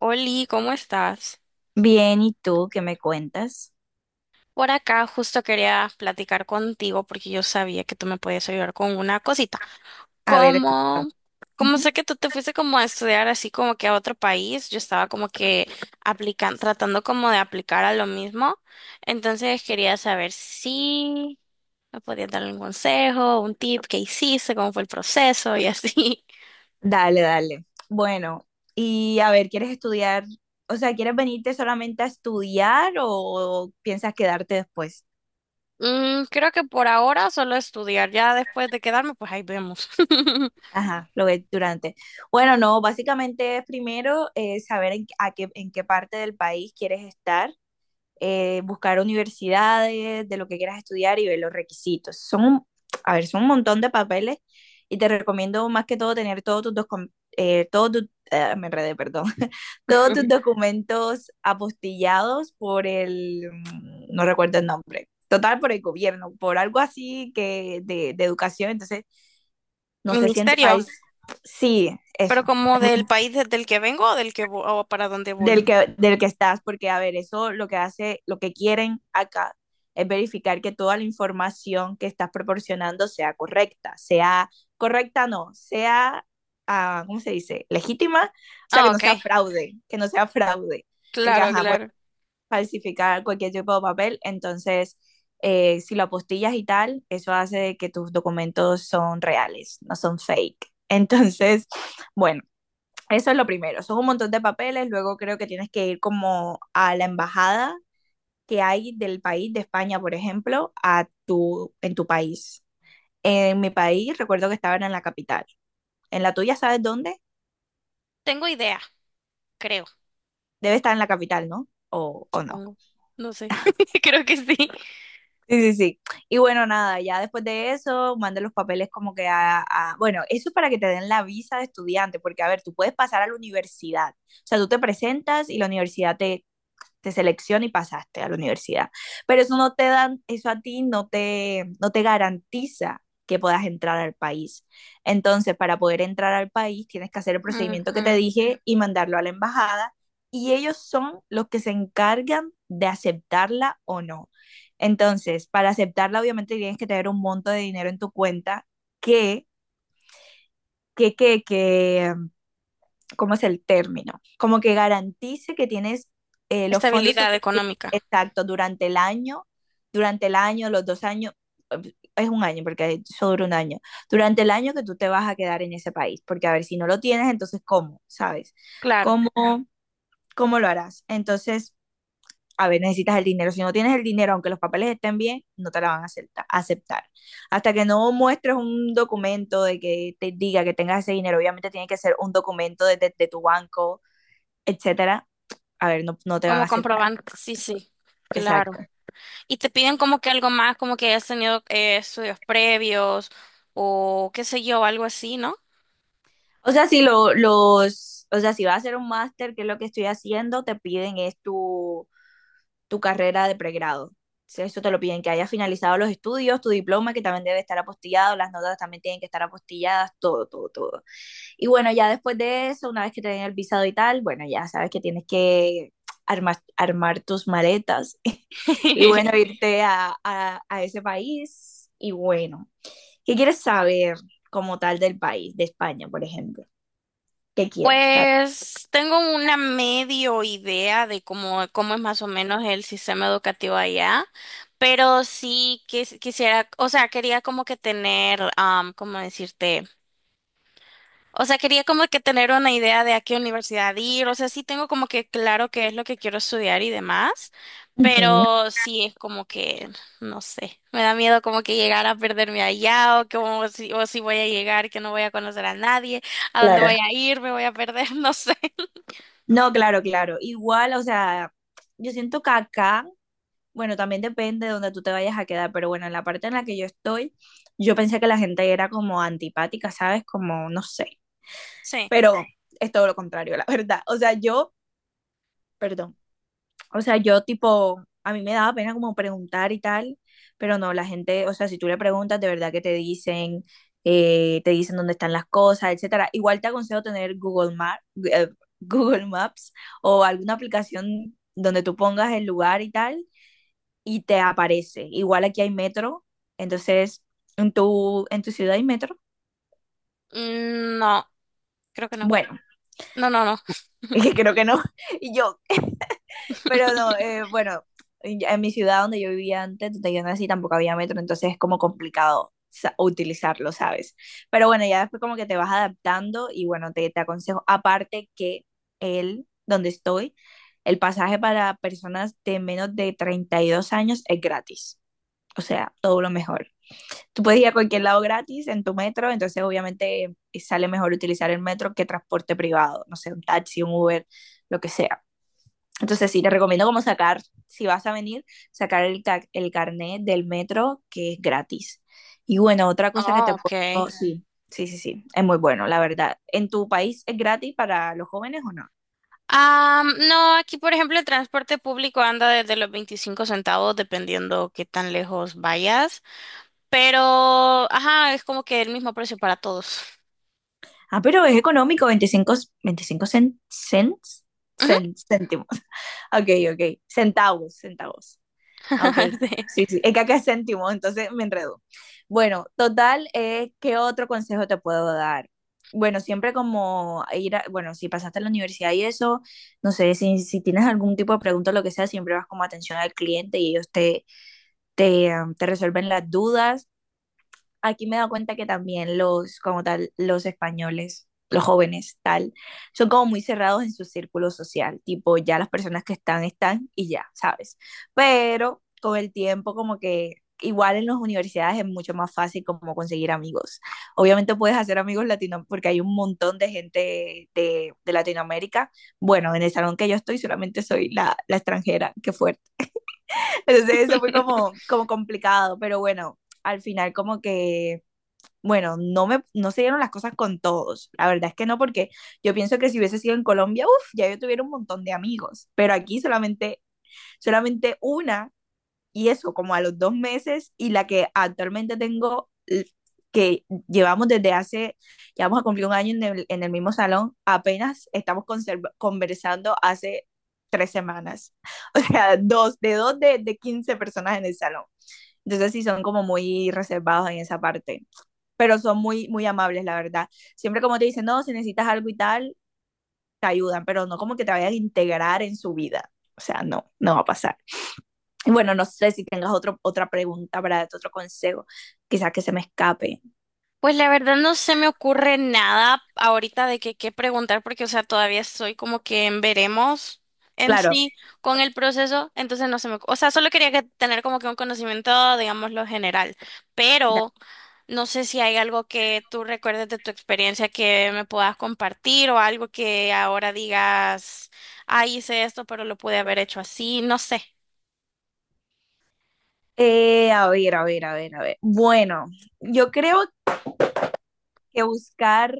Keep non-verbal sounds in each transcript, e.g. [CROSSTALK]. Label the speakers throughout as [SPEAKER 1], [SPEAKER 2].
[SPEAKER 1] Oli, ¿cómo estás?
[SPEAKER 2] Bien, ¿y tú qué me cuentas?
[SPEAKER 1] Por acá justo quería platicar contigo porque yo sabía que tú me podías ayudar con una cosita.
[SPEAKER 2] A ver, cuéntame.
[SPEAKER 1] Como, como
[SPEAKER 2] Ujú.
[SPEAKER 1] sé que tú te fuiste como a estudiar así como que a otro país, yo estaba como que aplicando, tratando como de aplicar a lo mismo. Entonces quería saber si me podías dar un consejo, un tip, qué hiciste, cómo fue el proceso y así. [LAUGHS]
[SPEAKER 2] Dale, dale. Bueno, y a ver, ¿quieres estudiar? O sea, ¿quieres venirte solamente a estudiar o piensas quedarte después?
[SPEAKER 1] Mm, creo que por ahora solo estudiar, ya después de quedarme, pues ahí vemos. [LAUGHS]
[SPEAKER 2] Ajá, lo ves durante. Bueno, no, básicamente es primero, saber en qué parte del país quieres estar. Buscar universidades, de lo que quieras estudiar y ver los requisitos. A ver, son un montón de papeles y te recomiendo más que todo tener todos tus, dos, ah, me enredé, perdón. [LAUGHS] Todos tus documentos apostillados por el, mm, no recuerdo el nombre. Total, por el gobierno, por algo así que de educación. Entonces, no sé si en tu país,
[SPEAKER 1] Ministerio.
[SPEAKER 2] sí,
[SPEAKER 1] Pero
[SPEAKER 2] eso.
[SPEAKER 1] como del país del que vengo o del que o para dónde voy.
[SPEAKER 2] Del que estás, porque a ver, eso lo que hace, lo que quieren acá es verificar que toda la información que estás proporcionando sea correcta, no, sea, ah, ¿cómo se dice? Legítima, o sea,
[SPEAKER 1] Ah,
[SPEAKER 2] que no sea
[SPEAKER 1] ok.
[SPEAKER 2] fraude, que no sea fraude, porque,
[SPEAKER 1] Claro,
[SPEAKER 2] ajá, puedes
[SPEAKER 1] claro.
[SPEAKER 2] falsificar cualquier tipo de papel. Entonces, si lo apostillas y tal, eso hace que tus documentos son reales, no son fake. [LAUGHS] Entonces, bueno. Eso es lo primero, son un montón de papeles. Luego creo que tienes que ir como a la embajada que hay del país, de España, por ejemplo, en tu país. En mi país recuerdo que estaban en la capital. ¿En la tuya sabes dónde?
[SPEAKER 1] Tengo idea, creo,
[SPEAKER 2] Debe estar en la capital, ¿no? O no?
[SPEAKER 1] supongo. No sé. [LAUGHS] Creo que sí.
[SPEAKER 2] Sí, sí, sí. Y bueno, nada, ya después de eso, manda los papeles como que bueno, eso es para que te den la visa de estudiante, porque a ver, tú puedes pasar a la universidad. O sea, tú te presentas y la universidad te selecciona y pasaste a la universidad. Pero eso no te dan, eso a ti no te garantiza que puedas entrar al país. Entonces, para poder entrar al país, tienes que hacer el procedimiento que te
[SPEAKER 1] Ujú.
[SPEAKER 2] dije y mandarlo a la embajada, y ellos son los que se encargan de aceptarla o no. Entonces, para aceptarla, obviamente tienes que tener un monto de dinero en tu cuenta que, que ¿cómo es el término? Como que garantice que tienes, los fondos
[SPEAKER 1] Estabilidad
[SPEAKER 2] suficientes,
[SPEAKER 1] económica.
[SPEAKER 2] exacto, durante el año, los 2 años, es un año, porque eso dura un año, durante el año que tú te vas a quedar en ese país, porque a ver, si no lo tienes, entonces, ¿cómo? ¿Sabes?
[SPEAKER 1] Claro.
[SPEAKER 2] ¿Cómo, cómo lo harás? Entonces, a ver, necesitas el dinero. Si no tienes el dinero, aunque los papeles estén bien, no te la van a aceptar. Hasta que no muestres un documento de que te diga que tengas ese dinero, obviamente tiene que ser un documento de tu banco, etcétera. A ver, no, no te van a
[SPEAKER 1] Como
[SPEAKER 2] aceptar.
[SPEAKER 1] comprobante. Sí, sí. Claro.
[SPEAKER 2] Exacto.
[SPEAKER 1] Y te piden como que algo más, como que hayas tenido estudios previos o qué sé yo, algo así, ¿no?
[SPEAKER 2] O sea, si lo, los, o sea, si vas a hacer un máster, que es lo que estoy haciendo, te piden es tu, tu carrera de pregrado. Si eso te lo piden, que hayas finalizado los estudios, tu diploma, que también debe estar apostillado, las notas también tienen que estar apostilladas, todo, todo, todo. Y bueno, ya después de eso, una vez que te den el visado y tal, bueno, ya sabes que tienes que armar tus maletas [LAUGHS] y
[SPEAKER 1] [LAUGHS]
[SPEAKER 2] bueno, irte a, a ese país. Y bueno, ¿qué quieres saber como tal del país, de España, por ejemplo? ¿Qué quieres saber?
[SPEAKER 1] Pues tengo una medio idea de cómo es más o menos el sistema educativo allá, pero sí quisiera, o sea, quería como que tener, ¿cómo decirte? O sea, quería como que tener una idea de a qué universidad ir, o sea, sí tengo como que claro qué es lo que quiero estudiar y demás,
[SPEAKER 2] Ujú,
[SPEAKER 1] pero sí es como que, no sé, me da miedo como que llegar a perderme allá o como si, o si voy a llegar, que no voy a conocer a nadie, a dónde
[SPEAKER 2] claro.
[SPEAKER 1] voy a ir, me voy a perder, [LAUGHS] no sé.
[SPEAKER 2] No, claro, claro. Igual, o sea, yo siento que acá, bueno, también depende de donde tú te vayas a quedar, pero bueno, en la parte en la que yo estoy, yo pensé que la gente era como antipática, ¿sabes? Como, no sé,
[SPEAKER 1] Sí.
[SPEAKER 2] pero es todo lo contrario, la verdad. O sea, yo, perdón. O sea, yo tipo, a mí me daba pena como preguntar y tal, pero no, la gente, o sea, si tú le preguntas, de verdad que te dicen dónde están las cosas, etcétera. Igual te aconsejo tener Google Maps, [LAUGHS] Google Maps o alguna aplicación donde tú pongas el lugar y tal, y te aparece. Igual aquí hay metro. Entonces, en tu ciudad hay metro?
[SPEAKER 1] Mm, no, creo que no.
[SPEAKER 2] Bueno,
[SPEAKER 1] No, no, no.
[SPEAKER 2] [LAUGHS] es que creo que no. Y yo, pero no,
[SPEAKER 1] [LAUGHS]
[SPEAKER 2] bueno, en mi ciudad donde yo vivía antes, donde yo nací, tampoco había metro, entonces es como complicado utilizarlo, ¿sabes? Pero bueno, ya después como que te vas adaptando y bueno, te aconsejo, aparte que el donde estoy, el pasaje para personas de menos de 32 años es gratis. O sea, todo lo mejor. Tú puedes ir a cualquier lado gratis en tu metro. Entonces obviamente, sale mejor utilizar el metro que transporte privado, no sé, un taxi, un Uber, lo que sea. Entonces sí, te recomiendo como sacar, si vas a venir, el carnet del metro que es gratis. Y bueno, otra cosa que
[SPEAKER 1] Oh,
[SPEAKER 2] te
[SPEAKER 1] ok.
[SPEAKER 2] puedo... Sí, sí, sí, sí, es muy bueno, la verdad. ¿En tu país es gratis para los jóvenes o no?
[SPEAKER 1] No, aquí por ejemplo el transporte público anda desde los 25 centavos dependiendo qué tan lejos vayas, pero ajá, es como que el mismo precio para todos.
[SPEAKER 2] Ah, pero es económico, 25, 25 cents,
[SPEAKER 1] Ujú.
[SPEAKER 2] céntimos. [LAUGHS] Ok, ok, centavos, centavos. Ah, ok,
[SPEAKER 1] [LAUGHS]
[SPEAKER 2] sí, sí, es que acá es céntimo, entonces me enredo. Bueno, total, ¿qué otro consejo te puedo dar? Bueno, siempre como ir a, bueno, si pasaste a la universidad y eso, no sé, si, si tienes algún tipo de pregunta o lo que sea, siempre vas como atención al cliente y ellos te resuelven las dudas. Aquí me he dado cuenta que también los, como tal, los españoles, los jóvenes, tal, son como muy cerrados en su círculo social, tipo, ya las personas que están, están y ya, ¿sabes? Pero con el tiempo, como que, igual en las universidades es mucho más fácil como conseguir amigos. Obviamente puedes hacer amigos latinos porque hay un montón de gente de Latinoamérica. Bueno, en el salón que yo estoy solamente soy la, la extranjera, qué fuerte. [LAUGHS] Entonces eso
[SPEAKER 1] Sí.
[SPEAKER 2] fue como, como complicado, pero bueno, al final como que bueno, no, me, no se dieron las cosas con todos. La verdad es que no, porque yo pienso que si hubiese sido en Colombia, uff, ya yo tuviera un montón de amigos. Pero aquí solamente, solamente una, y eso como a los 2 meses, y la que actualmente tengo, que llevamos desde hace, ya vamos a cumplir un año en el mismo salón, apenas estamos conversando hace 3 semanas. [LAUGHS] O sea, dos de 15 personas en el salón. Entonces sí son como muy reservados en esa parte, pero son muy, muy amables, la verdad. Siempre como te dicen, no, si necesitas algo y tal, te ayudan, pero no como que te vayan a integrar en su vida. O sea, no, no va a pasar. Y bueno, no sé si tengas otro, otra pregunta para otro consejo, quizás que se me escape.
[SPEAKER 1] Pues la verdad no se me ocurre nada ahorita de que qué preguntar porque, o sea, todavía estoy como que en veremos en
[SPEAKER 2] Claro,
[SPEAKER 1] sí con el proceso, entonces no se me, o sea, solo quería que tener como que un conocimiento, digamos, lo general,
[SPEAKER 2] ya.
[SPEAKER 1] pero no sé si hay algo que tú recuerdes de tu experiencia que me puedas compartir o algo que ahora digas, ah, hice esto, pero lo pude haber hecho así, no sé,
[SPEAKER 2] A ver, a ver, a ver, a ver. Bueno, yo creo que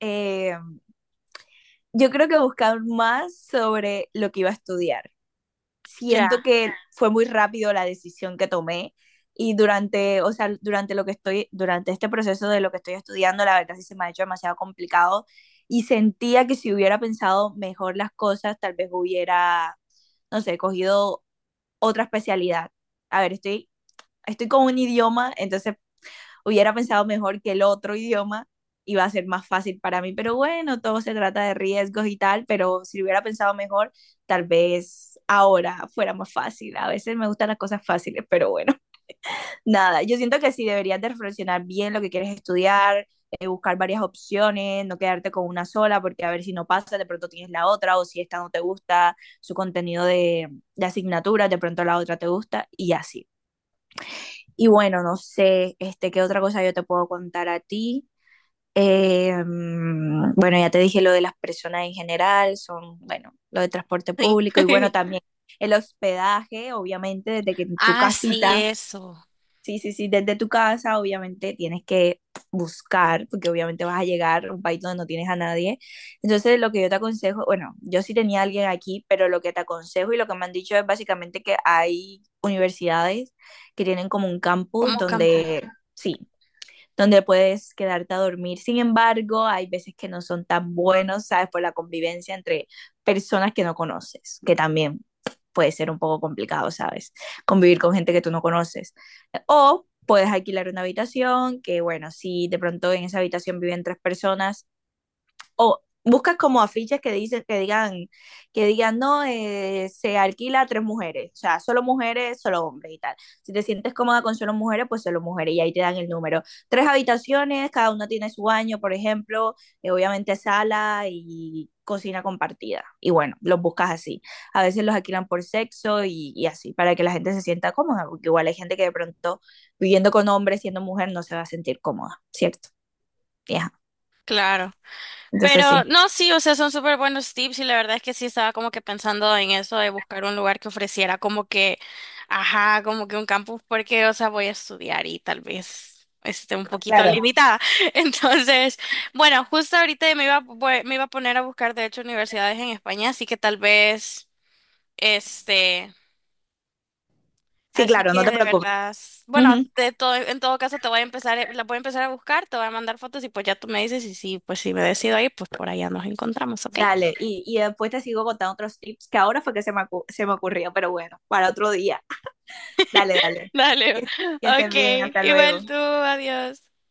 [SPEAKER 2] eh, yo creo que buscar más sobre lo que iba a estudiar.
[SPEAKER 1] ya,
[SPEAKER 2] Siento que fue muy rápido la decisión que tomé y durante, o sea, durante lo que estoy, durante este proceso de lo que estoy estudiando, la verdad sí se me ha hecho demasiado complicado y sentía que si hubiera pensado mejor las cosas, tal vez hubiera, no sé, cogido otra especialidad. A ver, estoy con un idioma, entonces hubiera pensado mejor que el otro idioma iba a ser más fácil para mí, pero bueno, todo se trata de riesgos y tal, pero si lo hubiera pensado mejor, tal vez ahora fuera más fácil. A veces me gustan las cosas fáciles, pero bueno, [LAUGHS] nada, yo siento que sí deberías de reflexionar bien lo que quieres estudiar, buscar varias opciones, no quedarte con una sola, porque a ver si no pasa, de pronto tienes la otra, o si esta no te gusta su contenido de asignatura, de pronto la otra te gusta, y así. Y bueno, no sé, este, qué otra cosa yo te puedo contar a ti. Bueno, ya te dije lo de las personas en general. Son, bueno, lo de transporte
[SPEAKER 1] sí.
[SPEAKER 2] público y bueno,
[SPEAKER 1] [LAUGHS]
[SPEAKER 2] también el hospedaje, obviamente, desde que tu
[SPEAKER 1] Ah, sí,
[SPEAKER 2] casita,
[SPEAKER 1] eso,
[SPEAKER 2] sí, sí, sí, desde tu casa, obviamente tienes que buscar, porque obviamente vas a llegar a un país donde no tienes a nadie. Entonces, lo que yo te aconsejo, bueno, yo sí tenía a alguien aquí, pero lo que te aconsejo y lo que me han dicho es básicamente que hay universidades que tienen como un campus
[SPEAKER 1] como campo,
[SPEAKER 2] donde, sí, donde puedes quedarte a dormir. Sin embargo, hay veces que no son tan buenos, ¿sabes? Por la convivencia entre personas que no conoces, que también puede ser un poco complicado, ¿sabes? Convivir con gente que tú no conoces. O puedes alquilar una habitación, que bueno, si de pronto en esa habitación viven tres personas, o buscas como afiches que dicen, que digan, no, se alquila a tres mujeres, o sea, solo mujeres, solo hombres y tal. Si te sientes cómoda con solo mujeres, pues solo mujeres y ahí te dan el número. Tres habitaciones, cada una tiene su baño, por ejemplo, obviamente sala y cocina compartida. Y bueno, los buscas así. A veces los alquilan por sexo y así, para que la gente se sienta cómoda, porque igual hay gente que de pronto viviendo con hombres, siendo mujer, no se va a sentir cómoda, ¿cierto? Ya,
[SPEAKER 1] claro.
[SPEAKER 2] entonces
[SPEAKER 1] Pero
[SPEAKER 2] sí.
[SPEAKER 1] no, sí, o sea, son súper buenos tips y la verdad es que sí estaba como que pensando en eso de buscar un lugar que ofreciera como que, ajá, como que un campus porque, o sea, voy a estudiar y tal vez esté un poquito
[SPEAKER 2] Claro,
[SPEAKER 1] limitada. [LAUGHS] Entonces, bueno, justo ahorita me iba, me iba a poner a buscar, de hecho, universidades en España, así que tal vez, este,
[SPEAKER 2] sí,
[SPEAKER 1] así
[SPEAKER 2] claro, no
[SPEAKER 1] que
[SPEAKER 2] te
[SPEAKER 1] de
[SPEAKER 2] preocupes.
[SPEAKER 1] verdad, bueno,
[SPEAKER 2] Ujú.
[SPEAKER 1] de todo, en todo caso te voy a empezar, la voy a empezar a buscar, te voy a mandar fotos y pues ya tú me dices y sí, pues si me decido ahí, pues por allá nos encontramos, ¿ok?
[SPEAKER 2] Dale, y después te sigo contando otros tips que ahora fue que se me, se me ocurrió, pero bueno, para otro día. Dale, dale.
[SPEAKER 1] [LAUGHS] Dale,
[SPEAKER 2] Que, que estés
[SPEAKER 1] ok,
[SPEAKER 2] bien, hasta luego.
[SPEAKER 1] igual tú, adiós.